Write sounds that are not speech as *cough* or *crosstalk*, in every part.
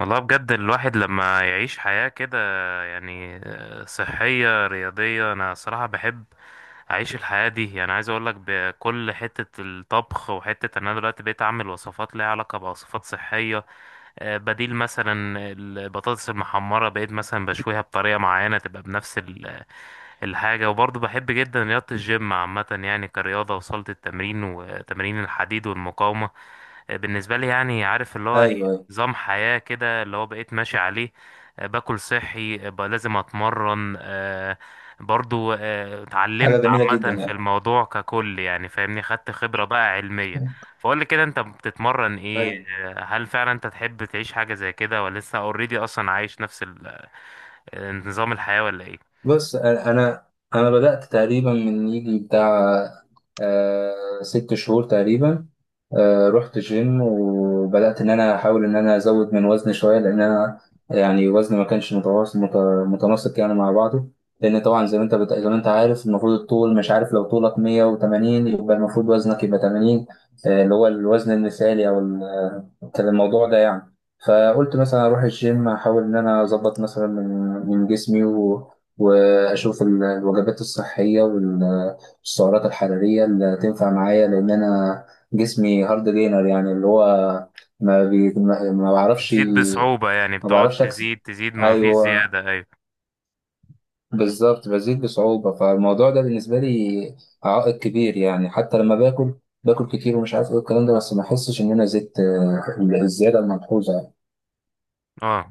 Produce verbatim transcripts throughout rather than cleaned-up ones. والله بجد الواحد لما يعيش حياة كده يعني آه، صحية رياضية، أنا صراحة بحب أعيش الحياة دي، يعني عايز أقولك بكل حتة الطبخ وحتة أن أنا دلوقتي بقيت أعمل وصفات ليها علاقة بوصفات صحية. آه، بديل مثلا البطاطس المحمرة بقيت مثلا بشويها بطريقة معينة تبقى بنفس ال- الحاجة. وبرضه بحب جدا رياضة الجيم عامة، يعني كرياضة وصلت التمرين وتمرين الحديد والمقاومة. آه، بالنسبة لي يعني عارف اللي هو إيه، ايوه، ايوه. نظام حياة كده اللي هو بقيت ماشي عليه. آه، باكل صحي، آه، بقى لازم اتمرن، آه، برضو آه، حاجه اتعلمت جميله جدا عامة في يعني. الموضوع ككل، يعني فاهمني، خدت خبرة بقى علمية. فقول لي كده انت بتتمرن ايه؟ ايوه. آه، هل فعلا انت تحب تعيش حاجة زي كده، ولا لسه اوريدي اصلا عايش نفس ال- آه، نظام الحياة ولا ايه؟ بص، انا انا أنا بدات تقريبا من يجي بتاع آه ست شهور تقريبا. آه، رحت جيم وبدأت إن أنا أحاول إن أنا أزود من وزني شوية، لأن أنا يعني وزني ما كانش متواصل، مت- متناسق يعني مع بعضه، لأن طبعا زي ما أنت بت... زي ما أنت عارف المفروض الطول، مش عارف، لو طولك مية وتمانين يبقى المفروض وزنك يبقى تمانين، آه، اللي هو الوزن المثالي، أو ال- آه، كان الموضوع ده يعني. فقلت مثلا أروح الجيم، أحاول إن أنا أظبط مثلا من من جسمي و... وأشوف ال- الوجبات الصحية والسعرات الحرارية اللي تنفع معايا، لأن أنا جسمي هارد جينر، يعني اللي هو ما, بي... ما ما بعرفش، بتزيد بصعوبة، يعني ما بتقعد بعرفش اكسب. تزيد تزيد ما فيش ايوه، زيادة، ايوه. بالظبط، بزيد بصعوبة، فالموضوع ده بالنسبة لي عائق كبير، يعني حتى لما باكل، باكل كتير ومش عارف ايه الكلام ده، بس ما احسش ان انا زدت آه، الزيادة الملحوظة. اه،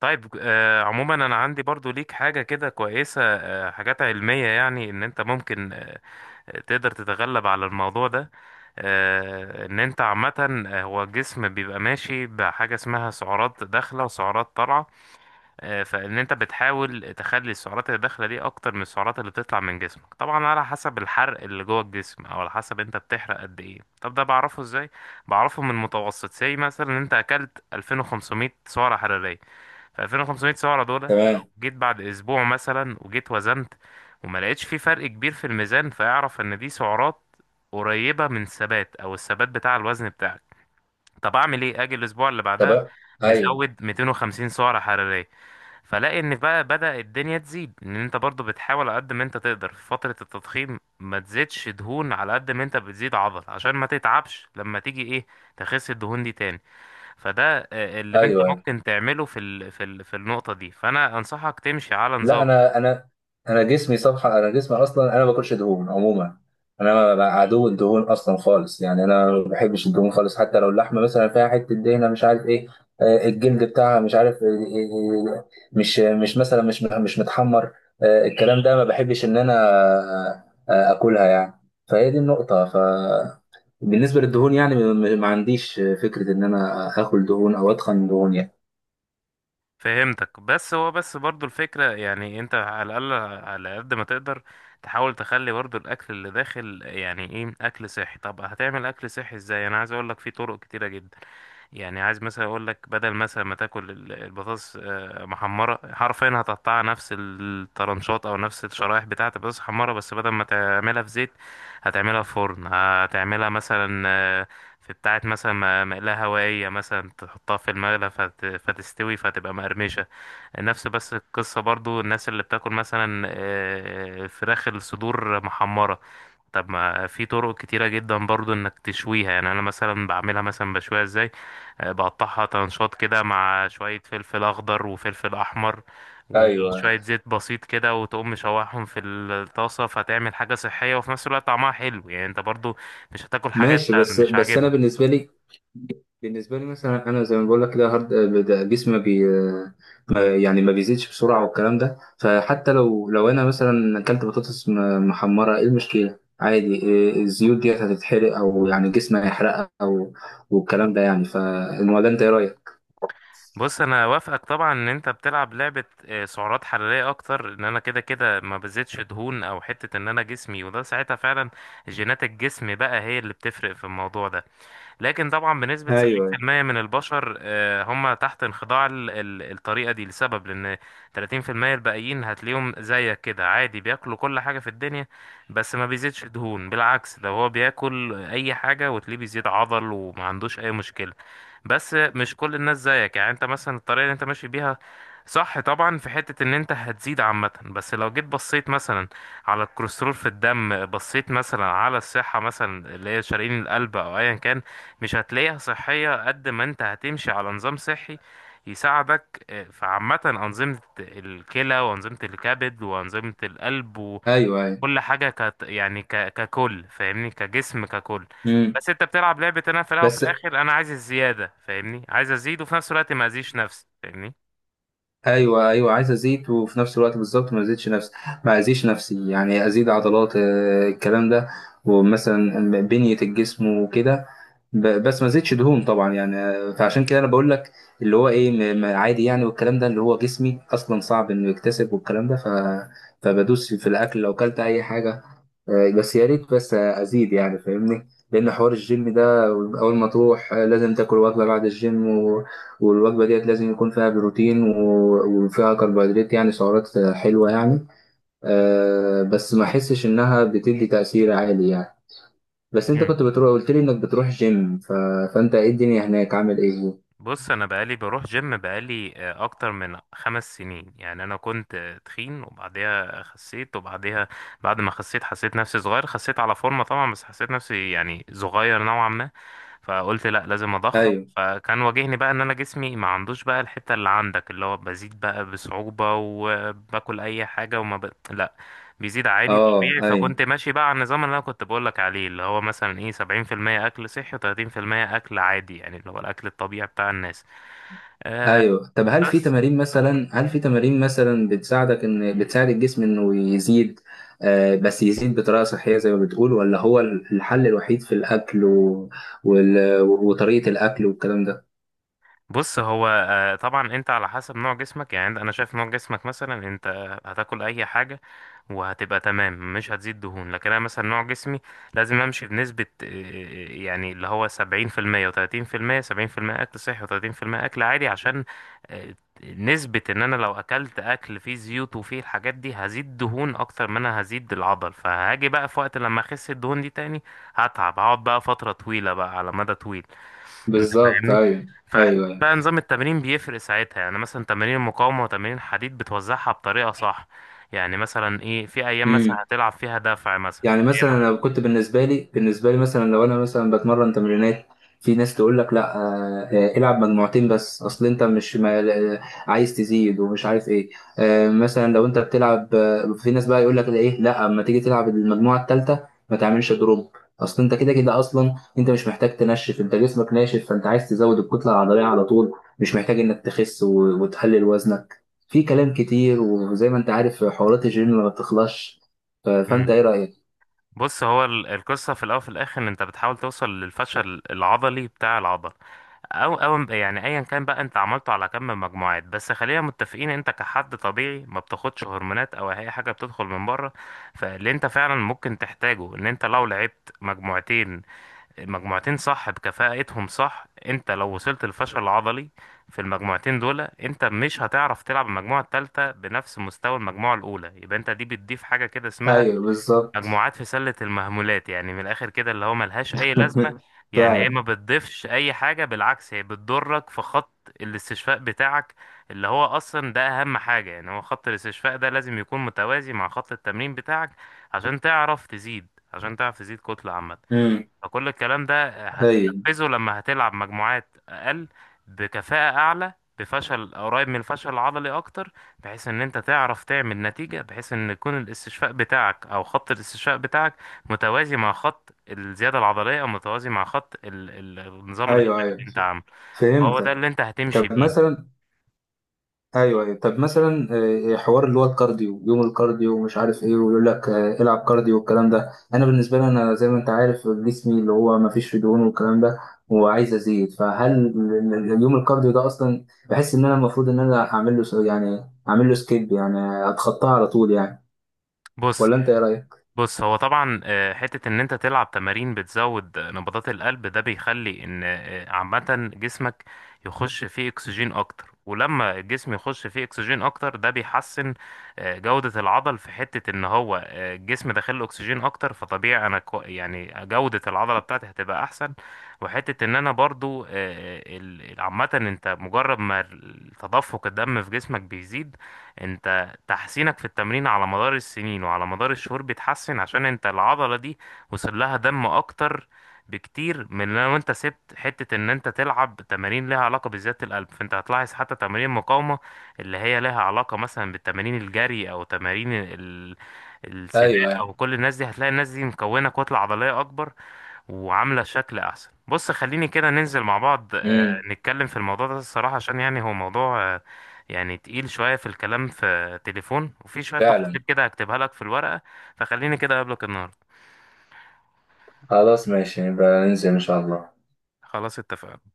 طيب. آه، عموما انا عندي برضو ليك حاجة كده كويسة، آه، حاجات علمية، يعني ان انت ممكن آه، تقدر تتغلب على الموضوع ده. آه، ان انت عامة، آه، هو الجسم بيبقى ماشي بحاجة اسمها سعرات داخلة وسعرات طالعة. آه، فان انت بتحاول تخلي السعرات اللي داخلة دي اكتر من السعرات اللي بتطلع من جسمك، طبعا على حسب الحرق اللي جوه الجسم، او على حسب انت بتحرق قد ايه. طب ده بعرفه ازاي؟ بعرفه من متوسط، زي مثلا ان انت اكلت ألفين وخمسمائة سعرة حرارية، ف ألفين وخمسمائة سعرة دول لو تمام، جيت بعد اسبوع مثلا وجيت وزنت وما لقيتش في فرق كبير في الميزان، فاعرف ان دي سعرات قريبة من الثبات او الثبات بتاع الوزن بتاعك. طب اعمل ايه؟ اجي الاسبوع اللي بعدها تمام، ايوه، مزود مئتين وخمسين سعرة حرارية، فلاقي ان بقى بدأ الدنيا تزيد. ان انت برضو بتحاول على قد ما انت تقدر في فترة التضخيم ما تزيدش دهون على قد ما انت بتزيد عضل، عشان ما تتعبش لما تيجي ايه تخس الدهون دي تاني. فده آه، اللي انت ايوه، أيوه. ممكن تعمله في ال... في ال... في النقطة دي، فانا انصحك تمشي على لا، نظام. انا انا انا جسمي صفحه، انا جسمي اصلا، انا ما باكلش دهون عموما. انا بقى عدو الدهون اصلا خالص، يعني انا ما بحبش الدهون خالص، حتى لو اللحمه مثلا فيها حته دهنه، مش عارف ايه، آه، الجلد بتاعها، مش عارف، آه، آه، آه، مش مش مثلا مش مش متحمر، آه، الكلام ده، ما بحبش ان انا آه، آه، اكلها يعني. فهي دي النقطه. ف بالنسبه للدهون يعني م- ما عنديش فكره ان انا اكل دهون او اتخن دهون يعني. فهمتك، بس هو بس برضو الفكرة يعني انت على الأقل، على قد ما تقدر تحاول تخلي برضو الأكل اللي داخل يعني ايه أكل صحي. طب هتعمل أكل صحي ازاي؟ أنا عايز أقولك في طرق كتيرة جدا. يعني عايز مثلا أقولك بدل مثلا ما تاكل ال- البطاطس آه، محمرة، حرفيا هتقطعها نفس الطرنشات أو نفس الشرايح بتاعة البطاطس محمرة، بس بدل ما تعملها في زيت هتعملها في فرن، هتعملها مثلا آه، في بتاعة مثلا م- مقلاة هوائية، مثلا تحطها في المقلة فت... فتستوي فتبقى مقرمشة نفس بس القصة. برضو الناس اللي بتاكل مثلا آه، فراخ الصدور محمرة، طب ما في طرق كتيرة جدا برضو انك تشويها، يعني انا مثلا بعملها مثلا بشويها ازاي؟ آه، بقطعها تنشاط كده مع شوية فلفل اخضر وفلفل احمر ايوه، وشوية زيت بسيط كده، وتقوم مشوحهم في الطاسة، فتعمل حاجة صحية وفي نفس الوقت طعمها حلو، يعني انت برضو مش هتاكل حاجة ماشي. انت بس مش بس انا عاجبها. بالنسبه لي بالنسبة لي مثلا، أنا زي ما بقول لك، كده هارد، ده جسمي بي ما- يعني ما بيزيدش بسرعة والكلام ده، فحتى لو لو أنا مثلا أكلت بطاطس م- محمرة، إيه المشكلة؟ عادي، إيه، الزيوت ديت هتتحرق، أو يعني جسمي هيحرقها، أو والكلام ده يعني. فالموضوع، أنت إيه رأيك؟ بص انا وافقك طبعا ان انت بتلعب لعبة آه، سعرات حرارية اكتر، ان انا كده كده ما بزيدش دهون، او حتة ان انا جسمي، وده ساعتها فعلا جينات الجسم بقى هي اللي بتفرق في الموضوع ده. لكن طبعا بنسبة أيوه، سبعين بالمية من البشر، آه، هم تحت انخضاع ال- ال- الطريقة دي لسبب، لأن تلاتين في المية الباقيين هتلاقيهم زيك كده عادي، بياكلوا كل حاجة في الدنيا بس ما بيزيدش دهون. بالعكس، ده هو بياكل أي حاجة وتلاقيه بيزيد عضل وما عندوش أي مشكلة. بس مش كل الناس زيك، يعني أنت مثلا الطريقة اللي أنت ماشي بيها صح طبعا، في حتة ان انت هتزيد عامة، بس لو جيت بصيت مثلا على الكوليسترول في الدم، بصيت مثلا على الصحة مثلا اللي هي شرايين القلب او ايا كان، مش هتلاقيها صحية قد ما انت هتمشي على نظام صحي يساعدك آه، في عامة أنظمة الكلى وأنظمة الكبد وأنظمة القلب وكل أيوه، أيوه. حاجة كت يعني ك... ككل، فاهمني، كجسم ككل. امم. بس انت بتلعب لعبة انا في الأول وفي بس، الآخر أنا عايز الزيادة، فاهمني، عايز أزيد وفي نفس الوقت ما أذيش نفسي، فاهمني. أيوه، أيوه. عايز أزيد وفي نفس الوقت بالظبط ما أزيدش نفسي ما أزيدش نفسي يعني أزيد عضلات، آه، الكلام ده، ومثلا بنية الجسم وكده. ب- بس ما زدتش دهون طبعا يعني. فعشان كده انا بقول لك اللي هو ايه، م- م- عادي يعني، والكلام ده، اللي هو جسمي اصلا صعب انه يكتسب والكلام ده، ف... فبدوس في الاكل، لو اكلت اي حاجه، آه، بس يا ريت بس ازيد يعني، فاهمني؟ لان حوار الجيم ده، اول ما تروح آه، لازم تاكل وجبه بعد الجيم، و... والوجبه ديت لازم يكون فيها بروتين و... وفيها كربوهيدرات، يعني سعرات آه، حلوه يعني. آه، بس ما احسش انها بتدي تاثير عالي يعني. بس انت كنت بتروح، قلت لي انك بتروح جيم، ف... فانت ايه الدنيا هناك، عامل ايه؟ بص انا بقالي بروح جيم بقالي آه، اكتر من خمس سنين، يعني انا كنت آه، تخين وبعديها خسيت، وبعديها بعد ما خسيت حسيت نفسي صغير، خسيت على فورمة طبعا بس حسيت نفسي يعني صغير نوعا ما. فقلت لا، لازم اضخم. ايوه، فكان واجهني بقى ان انا جسمي ما عندوش بقى الحتة اللي عندك، اللي هو بزيد بقى بصعوبة وباكل اي حاجة وما ب... لا بيزيد عادي اه، طبيعي. ايوه، فكنت ماشي بقى على النظام اللي انا كنت بقولك عليه، اللي هو مثلا ايه سبعين في المية اكل صحي وتلاتين في المية اكل عادي، يعني اللي هو الاكل الطبيعي بتاع الناس. ايوه. طب هل في بس تمارين مثلا، هل في تمارين مثلا بتساعدك ان بتساعد الجسم انه يزيد، آه بس يزيد بطريقه صحيه زي ما بتقول، ولا هو الحل الوحيد في الاكل و... وال... وطريقه الاكل والكلام ده؟ بص هو آه، طبعا انت على حسب نوع جسمك، يعني انت- انا شايف نوع جسمك مثلا انت هتاكل اي حاجه وهتبقى تمام، مش هتزيد دهون. لكن انا مثلا نوع جسمي لازم امشي بنسبه آه، يعني اللي هو سبعين في المية و30%، سبعين في المية اكل صحي و30% اكل عادي، عشان آه، نسبه ان انا لو اكلت اكل فيه زيوت وفيه الحاجات دي هزيد دهون اكتر ما انا هزيد العضل، فهاجي بقى في وقت لما اخس الدهون دي تاني هتعب، هقعد بقى فتره طويله بقى على مدى طويل. انت بالظبط، فاهمني. ايوه، ايوه. فبقى نظام التمرين بيفرق ساعتها، يعني مثلا تمارين المقاومة وتمارين الحديد بتوزعها بطريقة صح، يعني مثلا ايه في ايام مثلا هتلعب فيها دفع، مثلا يعني في ايام. مثلا لو كنت بالنسبه لي بالنسبه لي مثلا، لو انا مثلا بتمرن تمرينات، في ناس تقول لك لا، آه، آه، العب مجموعتين، بس اصل انت مش ما آه، عايز تزيد ومش عارف ايه. آه، مثلا لو انت بتلعب، آه، في ناس بقى يقول لك ايه، لا، اما تيجي تلعب المجموعه الثالثه ما تعملش دروب، اصل انت كده كده اصلا، انت مش محتاج تنشف، انت جسمك ناشف، فانت عايز تزود الكتله العضليه على طول، مش محتاج انك تخس و- وتقلل وزنك. في كلام كتير، وزي ما انت عارف حوارات الجيم ما بتخلصش، ف- فانت مم. ايه رايك؟ بص هو ال- القصة في الاول وفي الاخر ان انت بتحاول توصل للفشل العضلي بتاع العضل، او او يعني ايا كان بقى انت عملته على كم من مجموعات. بس خلينا متفقين انت كحد طبيعي ما بتاخدش هرمونات او اي حاجه بتدخل من بره. فاللي انت فعلا ممكن تحتاجه ان انت لو لعبت مجموعتين، المجموعتين صح بكفاءتهم صح، انت لو وصلت للفشل العضلي في المجموعتين دول، انت مش هتعرف تلعب المجموعة التالتة بنفس مستوى المجموعة الأولى. يبقى انت دي بتضيف حاجة كده اسمها ايوه، بالظبط. مجموعات في سلة المهملات، يعني من الآخر كده، اللي هو ملهاش أي لازمة. *laughs* يعني هي فعلا. ما بتضيفش أي حاجة، بالعكس هي بتضرك في خط الاستشفاء بتاعك، اللي هو أصلا ده أهم حاجة. يعني هو خط الاستشفاء ده لازم يكون متوازي مع خط التمرين بتاعك عشان تعرف تزيد، عشان تعرف تزيد كتلة عامة. امم. فكل الكلام ده ايوه، هتنفذه لما هتلعب مجموعات أقل بكفاءة أعلى، بفشل قريب من الفشل العضلي أكتر، بحيث إن أنت تعرف تعمل نتيجة، بحيث إن يكون الاستشفاء بتاعك أو خط الاستشفاء بتاعك متوازي مع خط الزيادة العضلية، أو متوازي مع خط ال- ال- النظام الغذائي ايوه، ايوه، اللي أنت عامله. هو ده فهمتك. اللي أنت هتمشي طب بيه. مثلا، ايوه، ايوه، طب مثلا، آه، حوار اللي هو الكارديو، يوم الكارديو ومش عارف ايه، ويقول لك آه، العب كارديو والكلام ده، انا بالنسبه لي، انا زي ما انت عارف جسمي، اللي هو ما فيش فيه دهون والكلام ده، وعايز ازيد، فهل ال- ال- اليوم الكارديو ده اصلا، بحس ان انا المفروض ان انا اعمل له س- يعني اعمل له سكيب، يعني اتخطاه على طول يعني، بص ولا انت ايه رايك؟ بص هو طبعا آه، حتة ان انت تلعب تمارين بتزود نبضات القلب ده بيخلي ان آه، عامة جسمك يخش فيه اكسجين اكتر. ولما الجسم يخش فيه اكسجين اكتر ده بيحسن آه، جودة العضل، في حتة ان هو آه، الجسم داخل له اكسجين اكتر، فطبيعي انا كو يعني جودة العضلة بتاعتي هتبقى احسن. وحتة ان انا برضو آه، آه، ال- عامة انت مجرد ما تدفق الدم في جسمك بيزيد، انت تحسينك في التمرين على مدار السنين وعلى مدار الشهور بيتحسن، عشان انت العضلة دي وصل لها دم اكتر بكتير من لو انت سبت حتة ان انت تلعب تمارين لها علاقة بزيادة القلب. فانت هتلاحظ حتى تمارين المقاومة اللي هي لها علاقة مثلا بالتمارين الجري او تمارين ال... ايوه، السباق ايوه. او كل الناس دي، هتلاقي الناس دي مكونة كتلة عضلية اكبر وعاملة شكل أحسن. بص خليني كده ننزل مع بعض آه، امم. نتكلم في الموضوع ده الصراحة، عشان يعني هو موضوع آه، يعني تقيل شوية في الكلام في تليفون، وفي شوية تفاصيل فعلا. كده هكتبها لك في الورقة. فخليني كده أقابلك النهاردة. خلاص، ماشي، نبقى ننزل إن شاء الله. خلاص اتفقنا.